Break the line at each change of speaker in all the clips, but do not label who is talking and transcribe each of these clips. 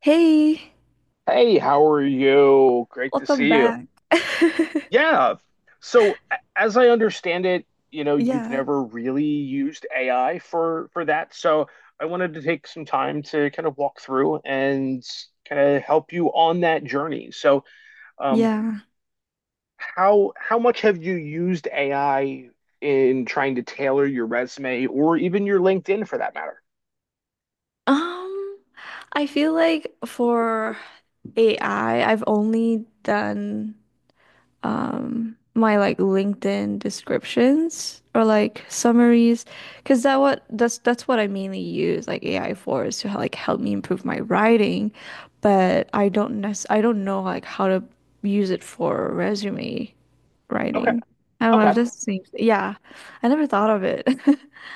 Hey,
Hey, how are you? Great to
welcome
see you.
back.
Yeah. As I understand it, you know, you've
Yeah,
never really used AI for that. So, I wanted to take some time to kind of walk through and kind of help you on that journey. Um,
yeah.
how much have you used AI in trying to tailor your resume or even your LinkedIn for that matter?
Um, I feel like for AI, I've only done my like LinkedIn descriptions or like summaries because that's what I mainly use like AI for is to like help me improve my writing, but I don't know like how to use it for a resume.
Okay.
Writing. I don't know
Okay.
if this seems, yeah, I never thought of it.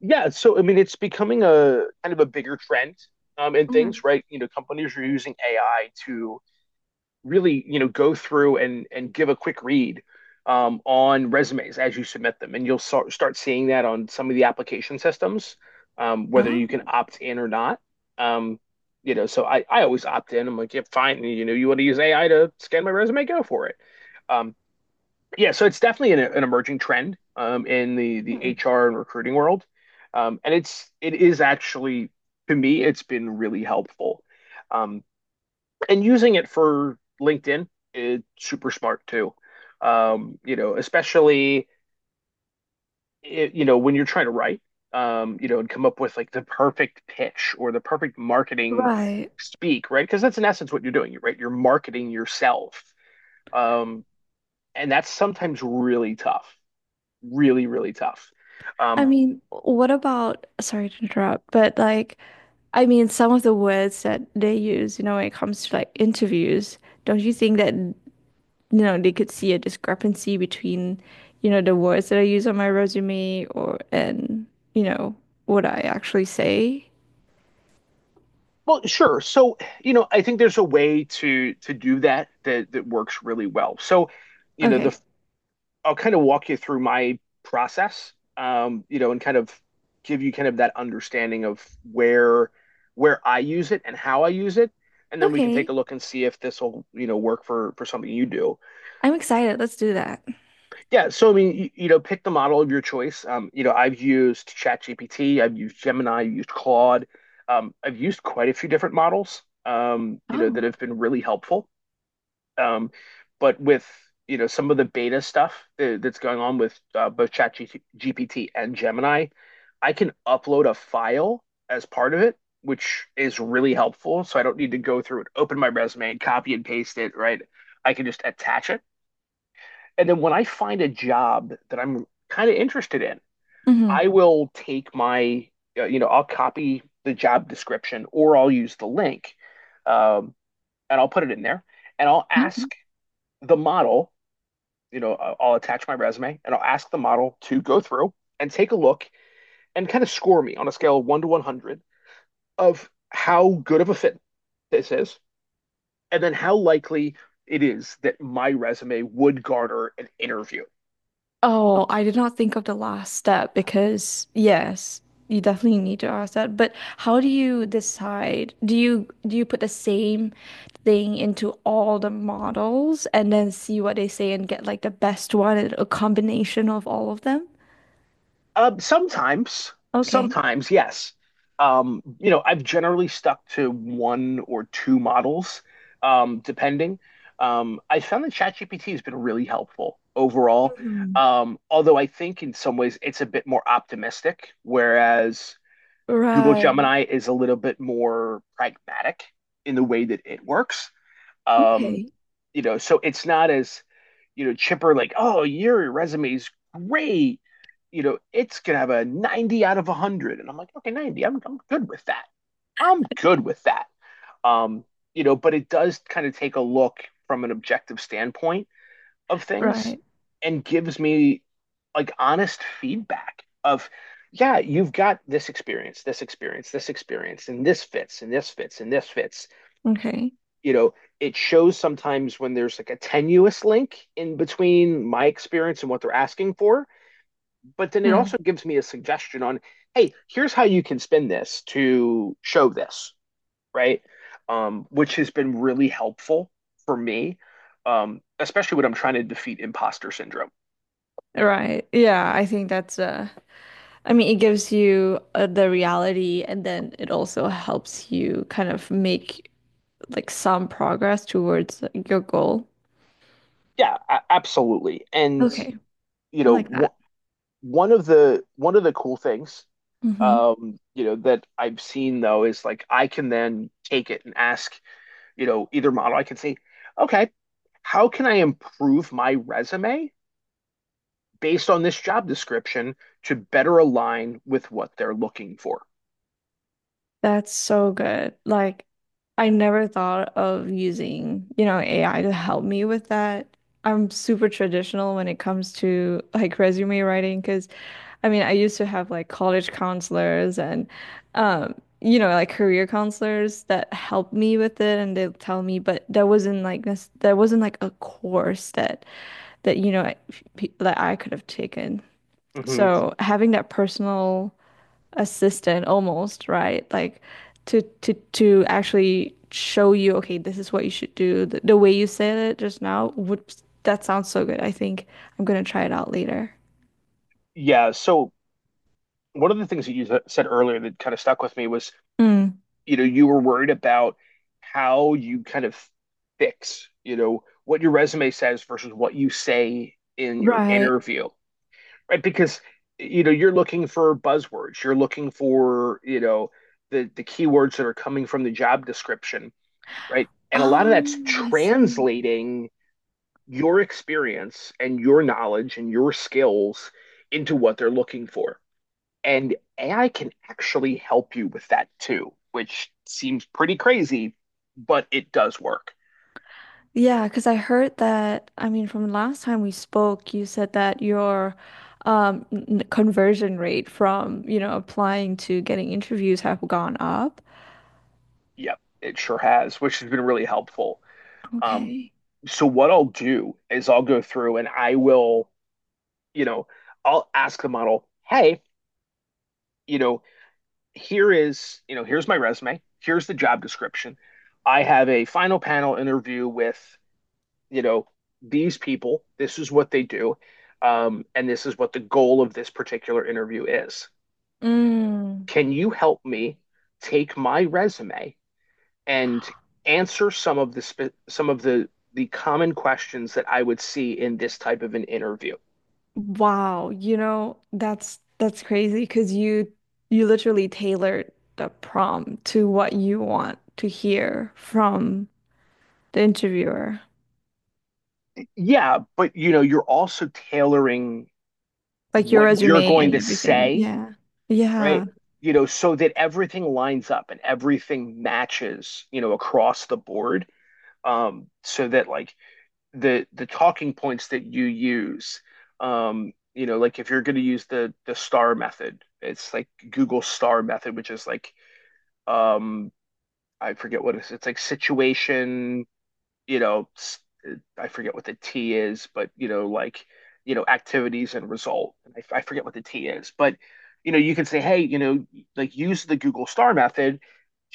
Yeah, so I mean, it's becoming a kind of a bigger trend, in
Mm.
things, right? You know, companies are using AI to really, you know, go through and give a quick read, on resumes as you submit them, and you'll start seeing that on some of the application systems, whether you can
Oh,
opt in or not. Um, you know, so I always opt in. I'm like, yeah, fine. You know, you want to use AI to scan my resume, go for it. Um, yeah, so it's definitely an emerging trend, in the HR and recruiting world, and it is actually, to me, it's been really helpful, um, and using it for LinkedIn is super smart too. You know, especially I you know, when you're trying to write, you know, and come up with like the perfect pitch or the perfect marketing
right.
speak, right? Because that's in essence what you're doing, right? You're marketing yourself, um, and that's sometimes really tough. Really, really tough.
I
Um,
mean, what about, sorry to interrupt, but like, I mean, some of the words that they use, you know, when it comes to like interviews, don't you think that, you know, they could see a discrepancy between, you know, the words that I use on my resume or, and, you know, what I actually say?
well, sure. So, you know, I think there's a way to do that that works really well. So, you know,
Okay.
the I'll kind of walk you through my process, you know, and kind of give you kind of that understanding of where where I use it and how I use it, and then we can take
Okay.
a look and see if this will, you know, work for something you do.
I'm excited. Let's do that.
Yeah, so I mean, you know, pick the model of your choice. You know, I've used ChatGPT, I've used Gemini, I've used Claude. I've used quite a few different models, you know,
Oh.
that have been really helpful. Um, but with, you know, some of the beta stuff that's going on with both ChatGPT and Gemini, I can upload a file as part of it, which is really helpful. So I don't need to go through and open my resume and copy and paste it, right? I can just attach it, and then when I find a job that I'm kind of interested in,
Mm-hmm.
I will take my, you know, I'll copy the job description or I'll use the link, um, and I'll put it in there and I'll ask the model, you know, I'll attach my resume and I'll ask the model to go through and take a look and kind of score me on a scale of one to 100 of how good of a fit this is, and then how likely it is that my resume would garner an interview.
Oh, I did not think of the last step because yes, you definitely need to ask that. But how do you decide? Do you put the same thing into all the models and then see what they say and get like the best one and a combination of all of them?
Um, sometimes,
Okay.
sometimes, yes. You know, I've generally stuck to one or two models, depending. I found that ChatGPT has been really helpful overall.
Hmm.
Although I think in some ways it's a bit more optimistic, whereas Google
Right.
Gemini is a little bit more pragmatic in the way that it works. Um,
Okay.
you know, so it's not as, you know, chipper like, oh, your resume is great. You know, it's gonna have a 90 out of 100. And I'm like, okay, 90. I'm good with that. I'm good with that. Um, you know, but it does kind of take a look from an objective standpoint of things,
Right.
and gives me like honest feedback of, yeah, you've got this experience, this experience, this experience, and this fits, and this fits, and this fits.
Okay.
You know, it shows sometimes when there's like a tenuous link in between my experience and what they're asking for. But then it
Hmm.
also gives me a suggestion on, hey, here's how you can spin this to show this, right? Which has been really helpful for me, especially when I'm trying to defeat imposter syndrome.
Right. Yeah, I think that's I mean, it gives you the reality, and then it also helps you kind of make like some progress towards like, your goal.
Absolutely. And,
Okay,
you
I
know,
like that.
wh- One of the cool things,
Hmm.
you know, that I've seen though is, like, I can then take it and ask, you know, either model. I can say, okay, how can I improve my resume based on this job description to better align with what they're looking for?
That's so good. Like, I never thought of using, you know, AI to help me with that. I'm super traditional when it comes to like resume writing because I mean, I used to have like college counselors and, um, you know, like career counselors that helped me with it and they'll tell me, but there wasn't like this, there wasn't like a course that, that, you know, that I could have taken.
Hmm.
So having that personal assistant almost, right? Like to actually show you, okay, this is what you should do. The way you said it just now would that sounds so good. I think I'm gonna try it out later.
Yeah. So one of the things that you said earlier that kind of stuck with me was,
Mm,
you know, you were worried about how you kind of fix, you know, what your resume says versus what you say in your
right.
interview. Right? Because you know you're looking for buzzwords, you're looking for, you know, the keywords that are coming from the job description, right? And a lot of that's
Oh, I see.
translating your experience and your knowledge and your skills into what they're looking for. And AI can actually help you with that too, which seems pretty crazy, but it does work.
Yeah, because I heard that, I mean, from last time we spoke, you said that your conversion rate from, you know, applying to getting interviews have gone up.
Yep, it sure has, which has been really helpful. Um,
Okay.
so what I'll do is I'll go through and I will, you know, I'll ask the model, hey, you know, here is, you know, here's my resume, here's the job description. I have a final panel interview with, you know, these people. This is what they do. And this is what the goal of this particular interview is.
Mm.
Can you help me take my resume and answer some of the common questions that I would see in this type of an interview?
Wow, you know, that's crazy because you literally tailored the prompt to what you want to hear from the interviewer.
Yeah, but you know, you're also tailoring
Like your
what you're
resume
going
and
to
everything.
say,
Yeah. Yeah.
right? You know, so that everything lines up and everything matches, you know, across the board. So that, like, the talking points that you use, you know, like, if you're going to use the star method, it's like Google star method, which is like, um, I forget what it is. It's like situation, you know, I forget what the T is, but you know, like, you know, activities and result. And I forget what the T is, but, you know, you can say, hey, you know, like, use the Google Star method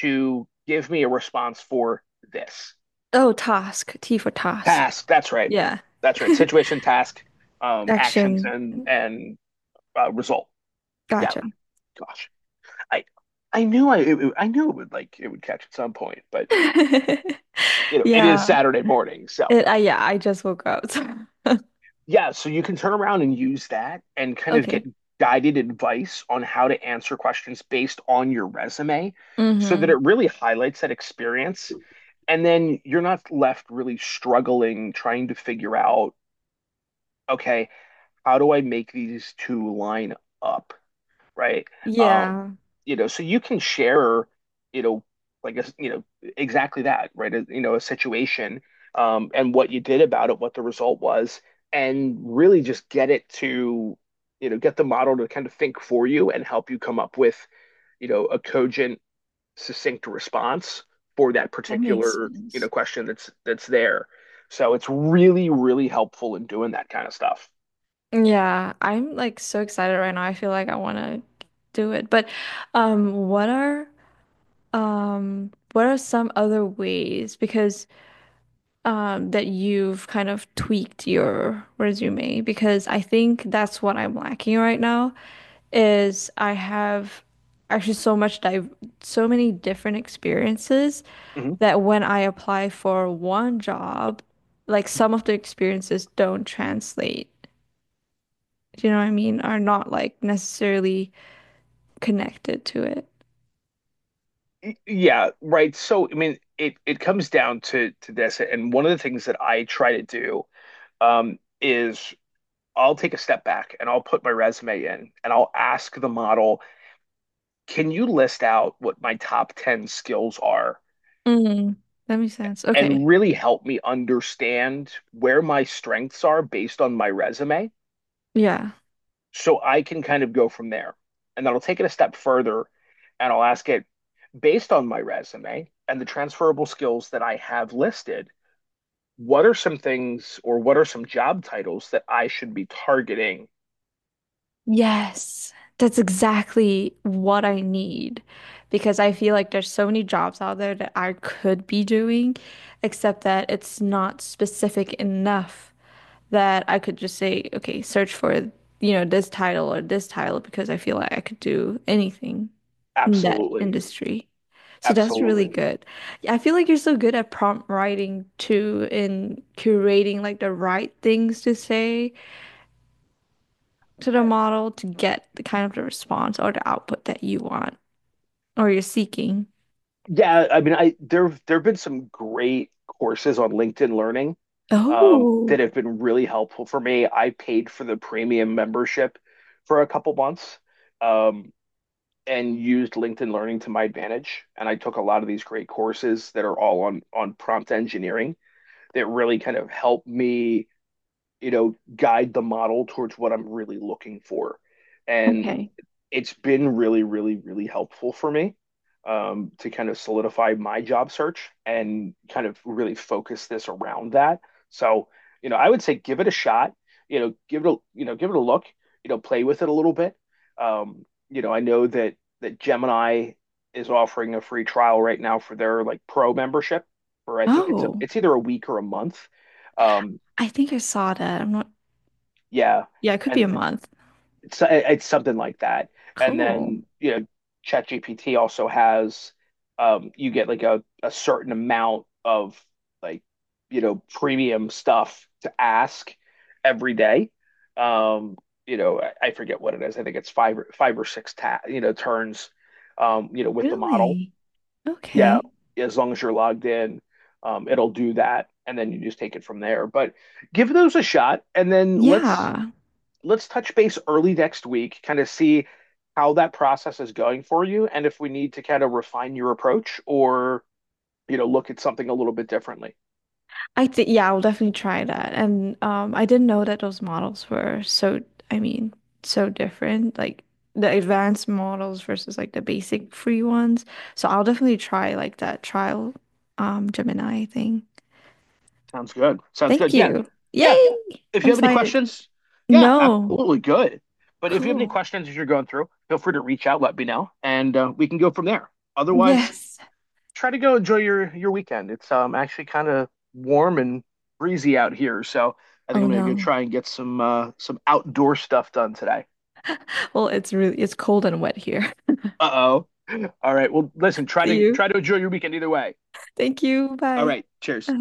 to give me a response for this
Oh, task. T for task.
task. That's right.
Yeah.
That's right. Situation, task, actions,
Action.
and result. Yeah.
Gotcha.
Gosh, I I knew I knew it would, like, it would catch at some point, but, you know, it is
Yeah.
Saturday morning, so.
It, I yeah, I just woke up. so-
Yeah, so you can turn around and use that and kind of get
Okay.
guided advice on how to answer questions based on your resume, so that
Mm-hmm.
it really highlights that experience. And then you're not left really struggling, trying to figure out, okay, how do I make these two line up? Right? Um,
Yeah.
you know, so you can share, you know, like a, you know, exactly that, right? A, you know, a situation, and what you did about it, what the result was, and really just get it to, you know, get the model to kind of think for you and help you come up with, you know, a cogent, succinct response for that
That makes
particular, you know,
sense.
question that's there. So it's really, really helpful in doing that kind of stuff.
Yeah, I'm like so excited right now. I feel like I want to do it. But um what are what are some other ways because that you've kind of tweaked your resume because I think that's what I'm lacking right now is I have actually so much dive so many different experiences
Mhm.
that when I apply for one job, like some of the experiences don't translate. Do you know what I mean? Are not like necessarily connected to it.
Yeah, right. So, I mean, it comes down to this, and one of the things that I try to do, is I'll take a step back and I'll put my resume in and I'll ask the model, can you list out what my top 10 skills are,
Mm, that makes sense.
and
Okay.
really help me understand where my strengths are based on my resume,
Yeah.
so I can kind of go from there. And then I'll take it a step further and I'll ask it, based on my resume and the transferable skills that I have listed, what are some things, or what are some job titles that I should be targeting?
Yes. That's exactly what I need because I feel like there's so many jobs out there that I could be doing, except that it's not specific enough that I could just say, okay, search for, you know, this title or this title because I feel like I could do anything in that
Absolutely.
industry. So that's really
Absolutely.
good. Yeah, I feel like you're so good at prompt writing too, in curating like the right things to say to the
I,
model to get the kind of the response or the output that you want or you're seeking.
yeah, I mean, I there there've been some great courses on LinkedIn Learning,
Oh,
that have been really helpful for me. I paid for the premium membership for a couple months, um, and used LinkedIn Learning to my advantage. And I took a lot of these great courses that are all on prompt engineering that really kind of helped me, you know, guide the model towards what I'm really looking for. And
okay.
it's been really, really, really helpful for me, to kind of solidify my job search and kind of really focus this around that. So, you know, I would say give it a shot. You know, give it a, you know, give it a look. You know, play with it a little bit. You know, I know that Gemini is offering a free trial right now for their like pro membership, or I think it's a,
Oh,
it's either a week or a month. Um,
I think I saw that. I'm not,
yeah,
yeah, it could be
and
a month.
it's something like that. And
Cool.
then, you know, ChatGPT also has, you get like a certain amount of like, you know, premium stuff to ask every day. Um, you know, I forget what it is. I think it's five or five or six ta you know turns. You know, with the model,
Really?
yeah.
Okay.
As long as you're logged in, it'll do that, and then you just take it from there. But give those a shot, and then
Yeah,
let's touch base early next week, kind of see how that process is going for you and if we need to kind of refine your approach or, you know, look at something a little bit differently.
I think yeah, I'll definitely try that. And I didn't know that those models were so, I mean, so different, like the advanced models versus like the basic free ones. So I'll definitely try like that trial Gemini thing.
Sounds good. Sounds
Thank
good. Yeah.
you.
Yeah.
Yay!
If
I'm
you have any
excited.
questions, yeah,
No.
absolutely good. But if you have any
Cool.
questions as you're going through, feel free to reach out, let me know, and we can go from there. Otherwise,
Yes.
try to go enjoy your weekend. It's actually kind of warm and breezy out here, so I think
Oh
I'm gonna go
no.
try and get some outdoor stuff done today.
Well, it's really it's cold and wet here.
Uh oh. All right. Well, listen.
See you.
Try to enjoy your weekend either way.
Thank you.
All
Bye.
right. Cheers.